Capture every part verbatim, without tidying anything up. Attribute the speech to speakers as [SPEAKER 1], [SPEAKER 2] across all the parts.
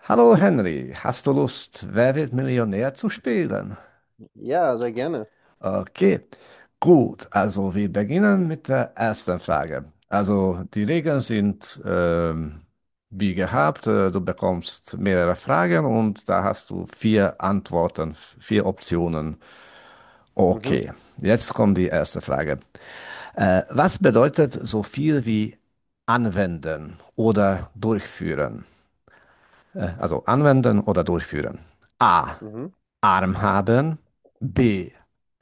[SPEAKER 1] Hallo Henry, hast du Lust, Wer wird Millionär zu spielen?
[SPEAKER 2] Ja, sehr gerne.
[SPEAKER 1] Okay, gut, also wir beginnen mit der ersten Frage. Also die Regeln sind ähm, wie gehabt, äh, du bekommst mehrere Fragen und da hast du vier Antworten, f- vier Optionen.
[SPEAKER 2] Mhm,
[SPEAKER 1] Okay, jetzt kommt die erste Frage. Äh, was bedeutet so viel wie anwenden oder durchführen? Äh, also anwenden oder durchführen. A.
[SPEAKER 2] mhm.
[SPEAKER 1] Arm haben, B.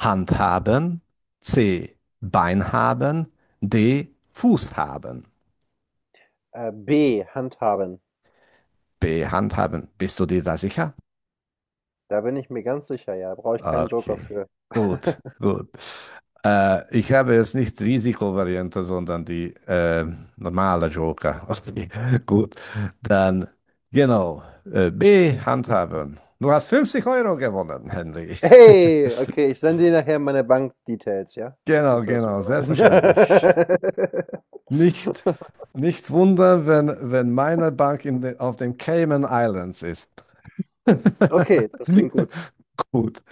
[SPEAKER 1] Hand haben, C. Bein haben, D. Fuß haben.
[SPEAKER 2] Äh, B, handhaben.
[SPEAKER 1] B. Hand haben. Bist du dir da sicher?
[SPEAKER 2] Da bin ich mir ganz sicher, ja. Brauche ich keinen Joker
[SPEAKER 1] Okay,
[SPEAKER 2] für.
[SPEAKER 1] gut, gut. Äh, ich habe jetzt nicht Risikovariante, sondern die äh, normale Joker. Okay, gut. Dann, genau, äh, B. Hand haben. Du hast fünfzig Euro gewonnen, Henry.
[SPEAKER 2] Hey, okay, ich sende dir nachher meine Bankdetails, ja? Dann
[SPEAKER 1] Genau,
[SPEAKER 2] kannst du das
[SPEAKER 1] genau,
[SPEAKER 2] überweisen.
[SPEAKER 1] selbstverständlich. Nicht, nicht wundern, wenn, wenn meine Bank in de, auf den Cayman Islands ist.
[SPEAKER 2] Okay, das klingt gut.
[SPEAKER 1] Gut.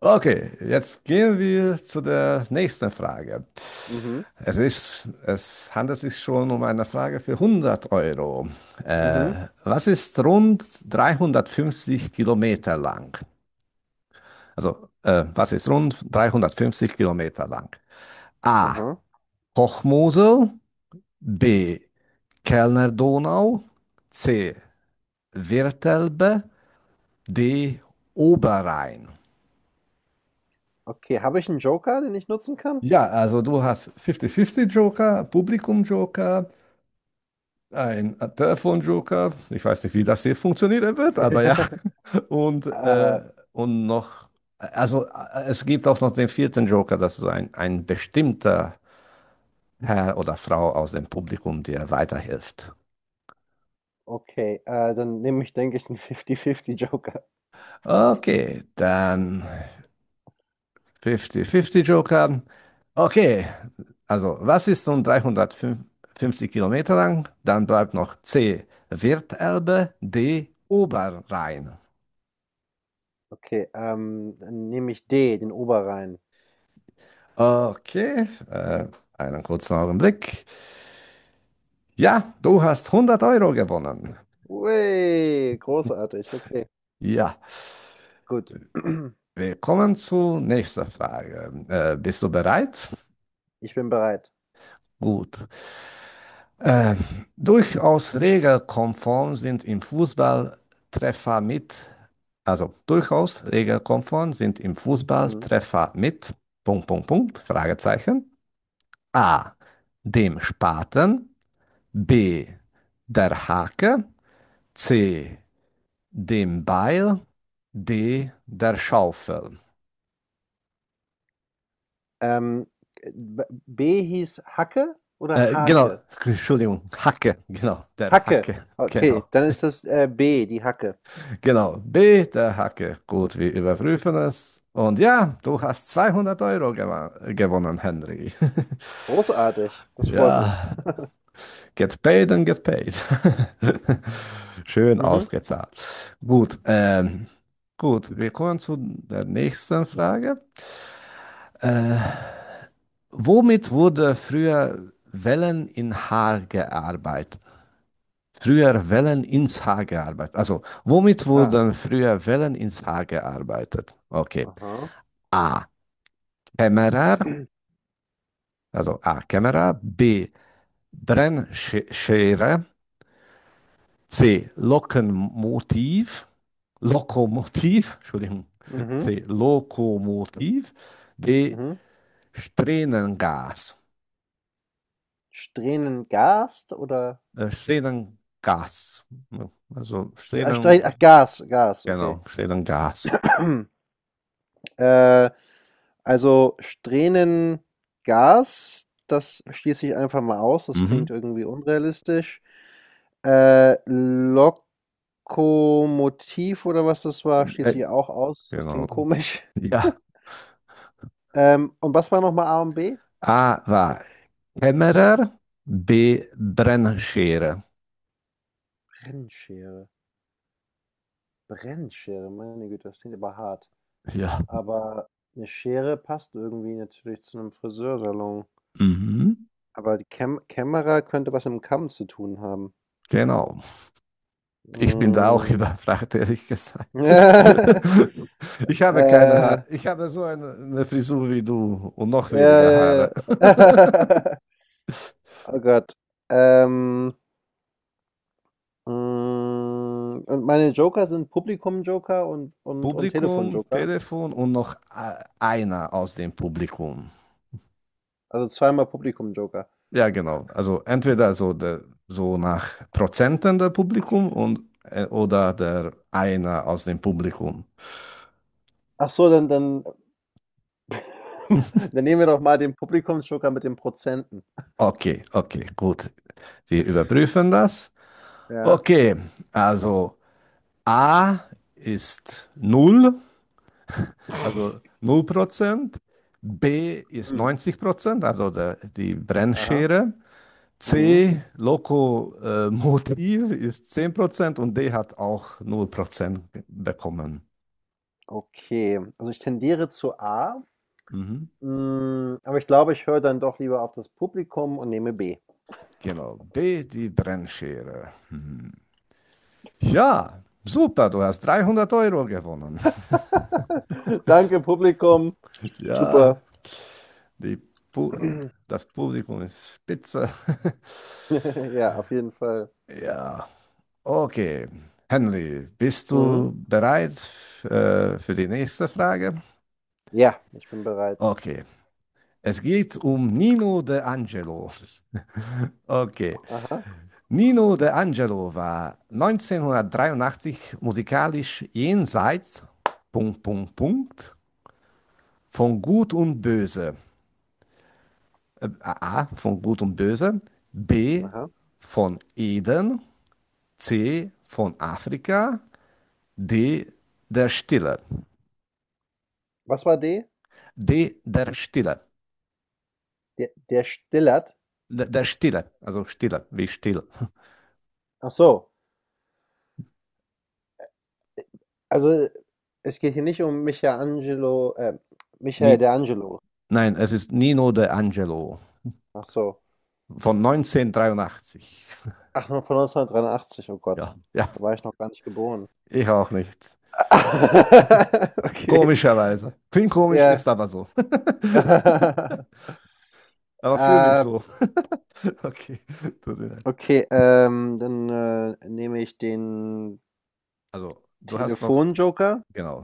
[SPEAKER 1] Okay, jetzt gehen wir zu der nächsten Frage.
[SPEAKER 2] Mhm,
[SPEAKER 1] Es ist, es handelt sich schon um eine Frage für hundert Euro. Äh,
[SPEAKER 2] mhm,
[SPEAKER 1] was ist rund dreihundertfünfzig Kilometer lang? Also, äh, was ist rund dreihundertfünfzig Kilometer lang? A.
[SPEAKER 2] aha.
[SPEAKER 1] Hochmosel. B. Kellner Donau, C. Wirtelbe, D. Oberrhein.
[SPEAKER 2] Okay, habe ich einen Joker, den ich nutzen kann?
[SPEAKER 1] Ja, also du hast fünfzig fünfzig Joker, Publikum Joker, ein Telefon Joker. Ich weiß nicht, wie das hier funktionieren wird, aber ja. Und, äh,
[SPEAKER 2] Äh,
[SPEAKER 1] und noch, also äh, es gibt auch noch den vierten Joker, das ist so ein, ein bestimmter Herr oder Frau aus dem Publikum, der weiterhilft.
[SPEAKER 2] okay, äh, dann nehme ich, denke ich, einen fünfzig fünfzig Joker.
[SPEAKER 1] Okay, dann fünfzig fünfzig Joker. Okay, also was ist nun dreihundertfünfzig Kilometer lang? Dann bleibt noch C, Wirtelbe, D, Oberrhein.
[SPEAKER 2] Okay, ähm, dann nehme ich D, den Oberrhein.
[SPEAKER 1] Okay, äh, einen kurzen Augenblick. Ja, du hast hundert Euro gewonnen.
[SPEAKER 2] Ui, großartig, okay,
[SPEAKER 1] Ja,
[SPEAKER 2] gut.
[SPEAKER 1] wir kommen zur nächsten Frage. Äh, bist du bereit?
[SPEAKER 2] Ich bin bereit.
[SPEAKER 1] Gut. Äh, Durchaus regelkonform sind im Fußball Treffer mit. Also durchaus regelkonform sind im Fußball
[SPEAKER 2] Mhm.
[SPEAKER 1] Treffer mit Punkt, Punkt, Punkt, Fragezeichen. A. Dem Spaten. B. Der Hake. C. Dem Beil. D. Der Schaufel.
[SPEAKER 2] Ähm, B B hieß Hacke oder
[SPEAKER 1] Äh, genau,
[SPEAKER 2] Hake?
[SPEAKER 1] Entschuldigung, Hacke, genau, der
[SPEAKER 2] Hacke.
[SPEAKER 1] Hacke,
[SPEAKER 2] Okay,
[SPEAKER 1] genau,
[SPEAKER 2] dann ist das äh, B, die Hacke.
[SPEAKER 1] genau, B, der Hacke. Gut, wir überprüfen es. Und ja, du hast zweihundert Euro gewa- gewonnen, Henry.
[SPEAKER 2] Großartig, das freut mich.
[SPEAKER 1] Ja. Get paid and get paid. Schön
[SPEAKER 2] Mhm.
[SPEAKER 1] ausgezahlt. Gut, ähm, gut, wir kommen zu der nächsten Frage. Äh, Womit wurde früher Wellen in Haar gearbeitet? Früher Wellen ins Haar gearbeitet. Also, womit
[SPEAKER 2] Ah,
[SPEAKER 1] wurden früher Wellen ins Haar gearbeitet? Okay.
[SPEAKER 2] aha.
[SPEAKER 1] A. Kämmerer, also A. Kämmerer, B. Brennschere, C. Lokomotiv. Lokomotiv. Entschuldigung.
[SPEAKER 2] Mhm.
[SPEAKER 1] C. Lokomotiv. D.
[SPEAKER 2] Mhm.
[SPEAKER 1] Strähnengas.
[SPEAKER 2] Strähnengast oder
[SPEAKER 1] Äh, Strähnengas. Also
[SPEAKER 2] Stre- ah, Stre- ach,
[SPEAKER 1] Strähnen,
[SPEAKER 2] Gas, Gas, okay.
[SPEAKER 1] genau, Strähnengas.
[SPEAKER 2] Äh, also, Strähnengas, das schließe ich einfach mal aus, das
[SPEAKER 1] Mhm.
[SPEAKER 2] klingt irgendwie unrealistisch. Äh, Lokomotiv oder was das war,
[SPEAKER 1] Äh,
[SPEAKER 2] schließe ich auch aus, das
[SPEAKER 1] genau.
[SPEAKER 2] klingt komisch.
[SPEAKER 1] Ja.
[SPEAKER 2] Ähm, und was war nochmal A und B?
[SPEAKER 1] A war Kämmerer, B Brennschere.
[SPEAKER 2] Brennschere. Brennschere, meine Güte, das klingt aber hart.
[SPEAKER 1] Ja.
[SPEAKER 2] Aber eine Schere passt irgendwie natürlich zu einem Friseursalon.
[SPEAKER 1] Mhm.
[SPEAKER 2] Aber die Käm Kämmerer könnte was mit dem Kamm zu tun haben.
[SPEAKER 1] Genau. Ich bin da auch
[SPEAKER 2] Mm,
[SPEAKER 1] überfragt, ehrlich gesagt. Ich habe keine
[SPEAKER 2] Äh,
[SPEAKER 1] Haare. Ich habe so eine, eine Frisur wie du und noch
[SPEAKER 2] ja,
[SPEAKER 1] weniger
[SPEAKER 2] ja,
[SPEAKER 1] Haare.
[SPEAKER 2] ja. Oh Gott. Ähm, mm, und meine Joker sind Publikum-Joker und, und, und
[SPEAKER 1] Publikum,
[SPEAKER 2] Telefon-Joker.
[SPEAKER 1] Telefon und noch a- einer aus dem Publikum.
[SPEAKER 2] Also zweimal Publikum-Joker.
[SPEAKER 1] Ja, genau. Also entweder so, der, so nach Prozenten der Publikum und, äh, oder der einer aus dem Publikum.
[SPEAKER 2] Ach so, dann, dann, dann nehmen wir doch mal den Publikum-Joker mit den Prozenten.
[SPEAKER 1] Okay, okay, gut. Wir überprüfen das.
[SPEAKER 2] Ja.
[SPEAKER 1] Okay, also A ist null. Also null Prozent, B ist
[SPEAKER 2] Hm.
[SPEAKER 1] neunzig Prozent, also der, die
[SPEAKER 2] Aha.
[SPEAKER 1] Brennschere.
[SPEAKER 2] Mhm.
[SPEAKER 1] C, Lokomotiv ist zehn Prozent und D hat auch null Prozent bekommen.
[SPEAKER 2] Okay. Also ich tendiere zu A,
[SPEAKER 1] Mhm.
[SPEAKER 2] mm, aber ich glaube, ich höre dann doch lieber auf das Publikum und nehme B.
[SPEAKER 1] Genau, B, die Brennschere. Mhm. Ja, super, du hast dreihundert Euro gewonnen.
[SPEAKER 2] Danke, Publikum.
[SPEAKER 1] Ja,
[SPEAKER 2] Super.
[SPEAKER 1] die Pu das Publikum ist spitze.
[SPEAKER 2] Ja, auf jeden Fall.
[SPEAKER 1] Ja. Okay, Henry, bist
[SPEAKER 2] Mhm.
[SPEAKER 1] du bereit äh, für die nächste Frage?
[SPEAKER 2] Ja, ich bin bereit.
[SPEAKER 1] Okay, es geht um Nino De Angelo. Okay,
[SPEAKER 2] Aha,
[SPEAKER 1] Nino De Angelo war neunzehnhundertdreiundachtzig musikalisch jenseits Punkt, Punkt, Punkt, von Gut und Böse. A, von Gut und Böse, B,
[SPEAKER 2] aha.
[SPEAKER 1] von Eden, C, von Afrika, D, der Stille.
[SPEAKER 2] Was war D?
[SPEAKER 1] D, der Stille.
[SPEAKER 2] Der, der Stillert.
[SPEAKER 1] Der, der Stille, also Stille, wie still.
[SPEAKER 2] Ach so. Äh, Also, äh, es geht hier nicht um Michelangelo, äh, Michael de
[SPEAKER 1] Ni,
[SPEAKER 2] Angelo.
[SPEAKER 1] nein, es ist Nino de Angelo
[SPEAKER 2] Ach so.
[SPEAKER 1] von neunzehnhundertdreiundachtzig.
[SPEAKER 2] Ach, von neunzehnhundertdreiundachtzig, oh Gott.
[SPEAKER 1] Ja, ja,
[SPEAKER 2] Da war ich noch gar nicht geboren.
[SPEAKER 1] ich auch nicht.
[SPEAKER 2] Okay,
[SPEAKER 1] Komischerweise. Klingt komisch,
[SPEAKER 2] ja.
[SPEAKER 1] ist aber so. Aber fühle mich
[SPEAKER 2] Äh,
[SPEAKER 1] so. Okay, tut mir leid.
[SPEAKER 2] okay, ähm, dann äh, nehme ich den
[SPEAKER 1] Also, du hast noch,
[SPEAKER 2] Telefonjoker
[SPEAKER 1] genau,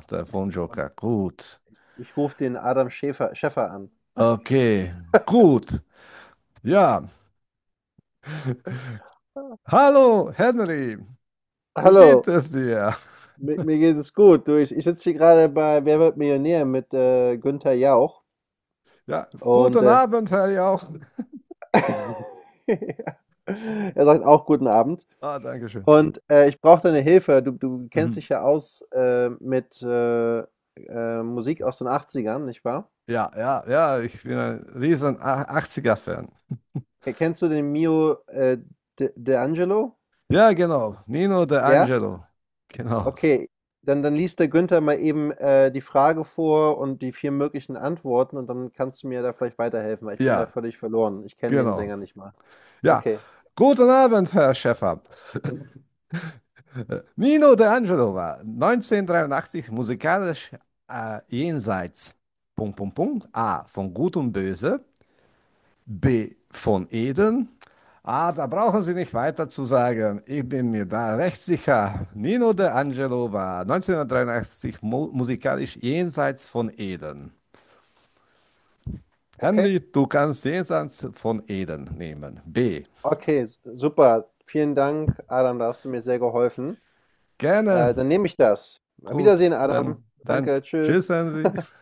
[SPEAKER 2] und
[SPEAKER 1] Telefonjoker. Gut.
[SPEAKER 2] ich rufe den Adam Schäfer, Schäffer an.
[SPEAKER 1] Okay, gut. Ja.
[SPEAKER 2] Ah.
[SPEAKER 1] Hallo, Henry. Wie geht
[SPEAKER 2] Hallo,
[SPEAKER 1] es dir?
[SPEAKER 2] mir, mir geht es gut. Du, ich, ich sitze hier gerade bei Wer wird Millionär mit äh, Günther Jauch
[SPEAKER 1] Ja,
[SPEAKER 2] und
[SPEAKER 1] guten
[SPEAKER 2] äh,
[SPEAKER 1] Abend, Herr Jauch.
[SPEAKER 2] er sagt auch guten Abend.
[SPEAKER 1] Ah, danke schön.
[SPEAKER 2] Und äh, ich brauche deine Hilfe. Du, du kennst dich
[SPEAKER 1] Mhm.
[SPEAKER 2] ja aus äh, mit äh, äh, Musik aus den Achtzigern, nicht wahr?
[SPEAKER 1] Ja, ja, ja, ich bin ein riesen A- achtziger-Fan.
[SPEAKER 2] Kennst du den Mio äh, De, De Angelo?
[SPEAKER 1] Ja, genau. Nino De
[SPEAKER 2] Ja?
[SPEAKER 1] Angelo. Genau.
[SPEAKER 2] Okay, dann dann liest der Günther mal eben, äh, die Frage vor und die vier möglichen Antworten und dann kannst du mir da vielleicht weiterhelfen, weil ich bin da
[SPEAKER 1] Ja,
[SPEAKER 2] völlig verloren. Ich kenne den
[SPEAKER 1] genau.
[SPEAKER 2] Sänger nicht mal.
[SPEAKER 1] Ja,
[SPEAKER 2] Okay,
[SPEAKER 1] guten Abend, Herr Schäfer. Äh, Nino De Angelo war neunzehnhundertdreiundachtzig musikalisch äh, jenseits. Punkt, Punkt, Punkt. A. Von Gut und Böse. B. Von Eden. Ah, da brauchen Sie nicht weiter zu sagen. Ich bin mir da recht sicher. Nino De Angelo war neunzehnhundertdreiundachtzig mu musikalisch jenseits von Eden.
[SPEAKER 2] okay,
[SPEAKER 1] Henry, du kannst jenseits von Eden nehmen. B.
[SPEAKER 2] okay, s- super. Vielen Dank, Adam, da hast du mir sehr geholfen.
[SPEAKER 1] Gerne.
[SPEAKER 2] Äh, dann nehme ich das. Auf
[SPEAKER 1] Gut,
[SPEAKER 2] Wiedersehen, Adam.
[SPEAKER 1] dann, dann
[SPEAKER 2] Danke,
[SPEAKER 1] tschüss,
[SPEAKER 2] tschüss.
[SPEAKER 1] Henry.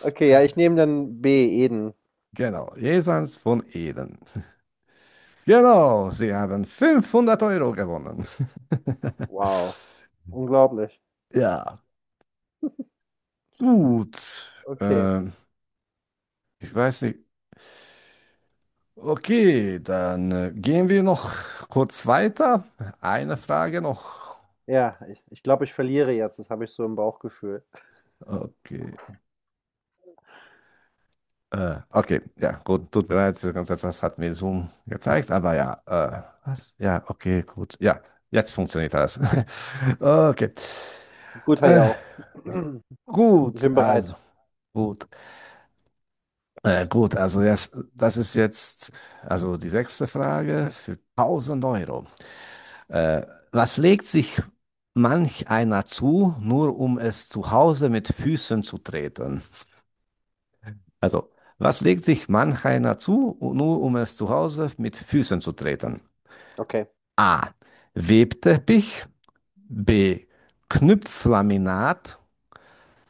[SPEAKER 2] Okay, ja, ich nehme dann B, Eden.
[SPEAKER 1] Genau, jenseits von Eden. Genau, Sie haben fünfhundert Euro gewonnen.
[SPEAKER 2] Wow, unglaublich.
[SPEAKER 1] Ja, gut.
[SPEAKER 2] Okay,
[SPEAKER 1] Ähm, Ich weiß nicht. Okay, dann äh, gehen wir noch kurz weiter. Eine Frage noch.
[SPEAKER 2] ja, ich, ich glaube, ich verliere jetzt. Das habe ich so im Bauchgefühl.
[SPEAKER 1] Okay. Äh, okay, ja, gut, tut mir leid, das etwas hat mir Zoom gezeigt, aber ja, äh, was? Ja, okay, gut. Ja, jetzt funktioniert das. Okay.
[SPEAKER 2] Gut, Herr
[SPEAKER 1] Äh,
[SPEAKER 2] Jauch. Ich
[SPEAKER 1] gut,
[SPEAKER 2] bin
[SPEAKER 1] also,
[SPEAKER 2] bereit.
[SPEAKER 1] gut. Äh, gut, also jetzt, das ist jetzt also die sechste Frage für tausend Euro. Äh, Was legt sich manch einer zu, nur um es zu Hause mit Füßen zu treten? Also, was legt sich manch einer zu, nur um es zu Hause mit Füßen zu treten?
[SPEAKER 2] Okay.
[SPEAKER 1] A. Webteppich. B. Knüpflaminat.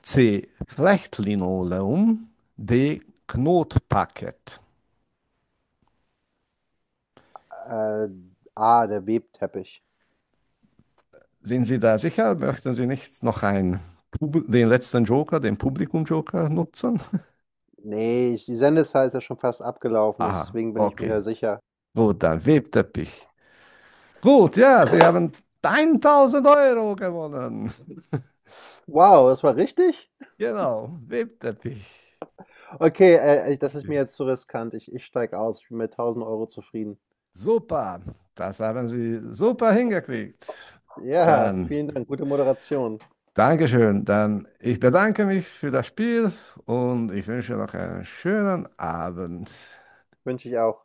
[SPEAKER 1] C. Flechtlinoleum. D. Knotparkett.
[SPEAKER 2] Äh, ah, der Webteppich.
[SPEAKER 1] Sind Sie da sicher? Möchten Sie nicht noch einen, Pub- den letzten Joker, den Publikum-Joker nutzen?
[SPEAKER 2] Ne, ich die Sendezeit ist ja schon fast abgelaufen,
[SPEAKER 1] Aha,
[SPEAKER 2] deswegen bin ich mir
[SPEAKER 1] okay.
[SPEAKER 2] da sicher.
[SPEAKER 1] Gut, dann Webteppich. Gut, ja, Sie haben tausend Euro gewonnen.
[SPEAKER 2] Wow, das war richtig?
[SPEAKER 1] Genau, Webteppich.
[SPEAKER 2] Okay, äh, äh, das ist
[SPEAKER 1] Okay.
[SPEAKER 2] mir jetzt zu riskant. Ich ich steige aus. Ich bin mit tausend Euro zufrieden.
[SPEAKER 1] Super, das haben Sie super hingekriegt.
[SPEAKER 2] Ja,
[SPEAKER 1] Dann,
[SPEAKER 2] vielen Dank. Gute Moderation.
[SPEAKER 1] Dankeschön. Dann, ich bedanke mich für das Spiel und ich wünsche noch einen schönen Abend.
[SPEAKER 2] Wünsche ich auch.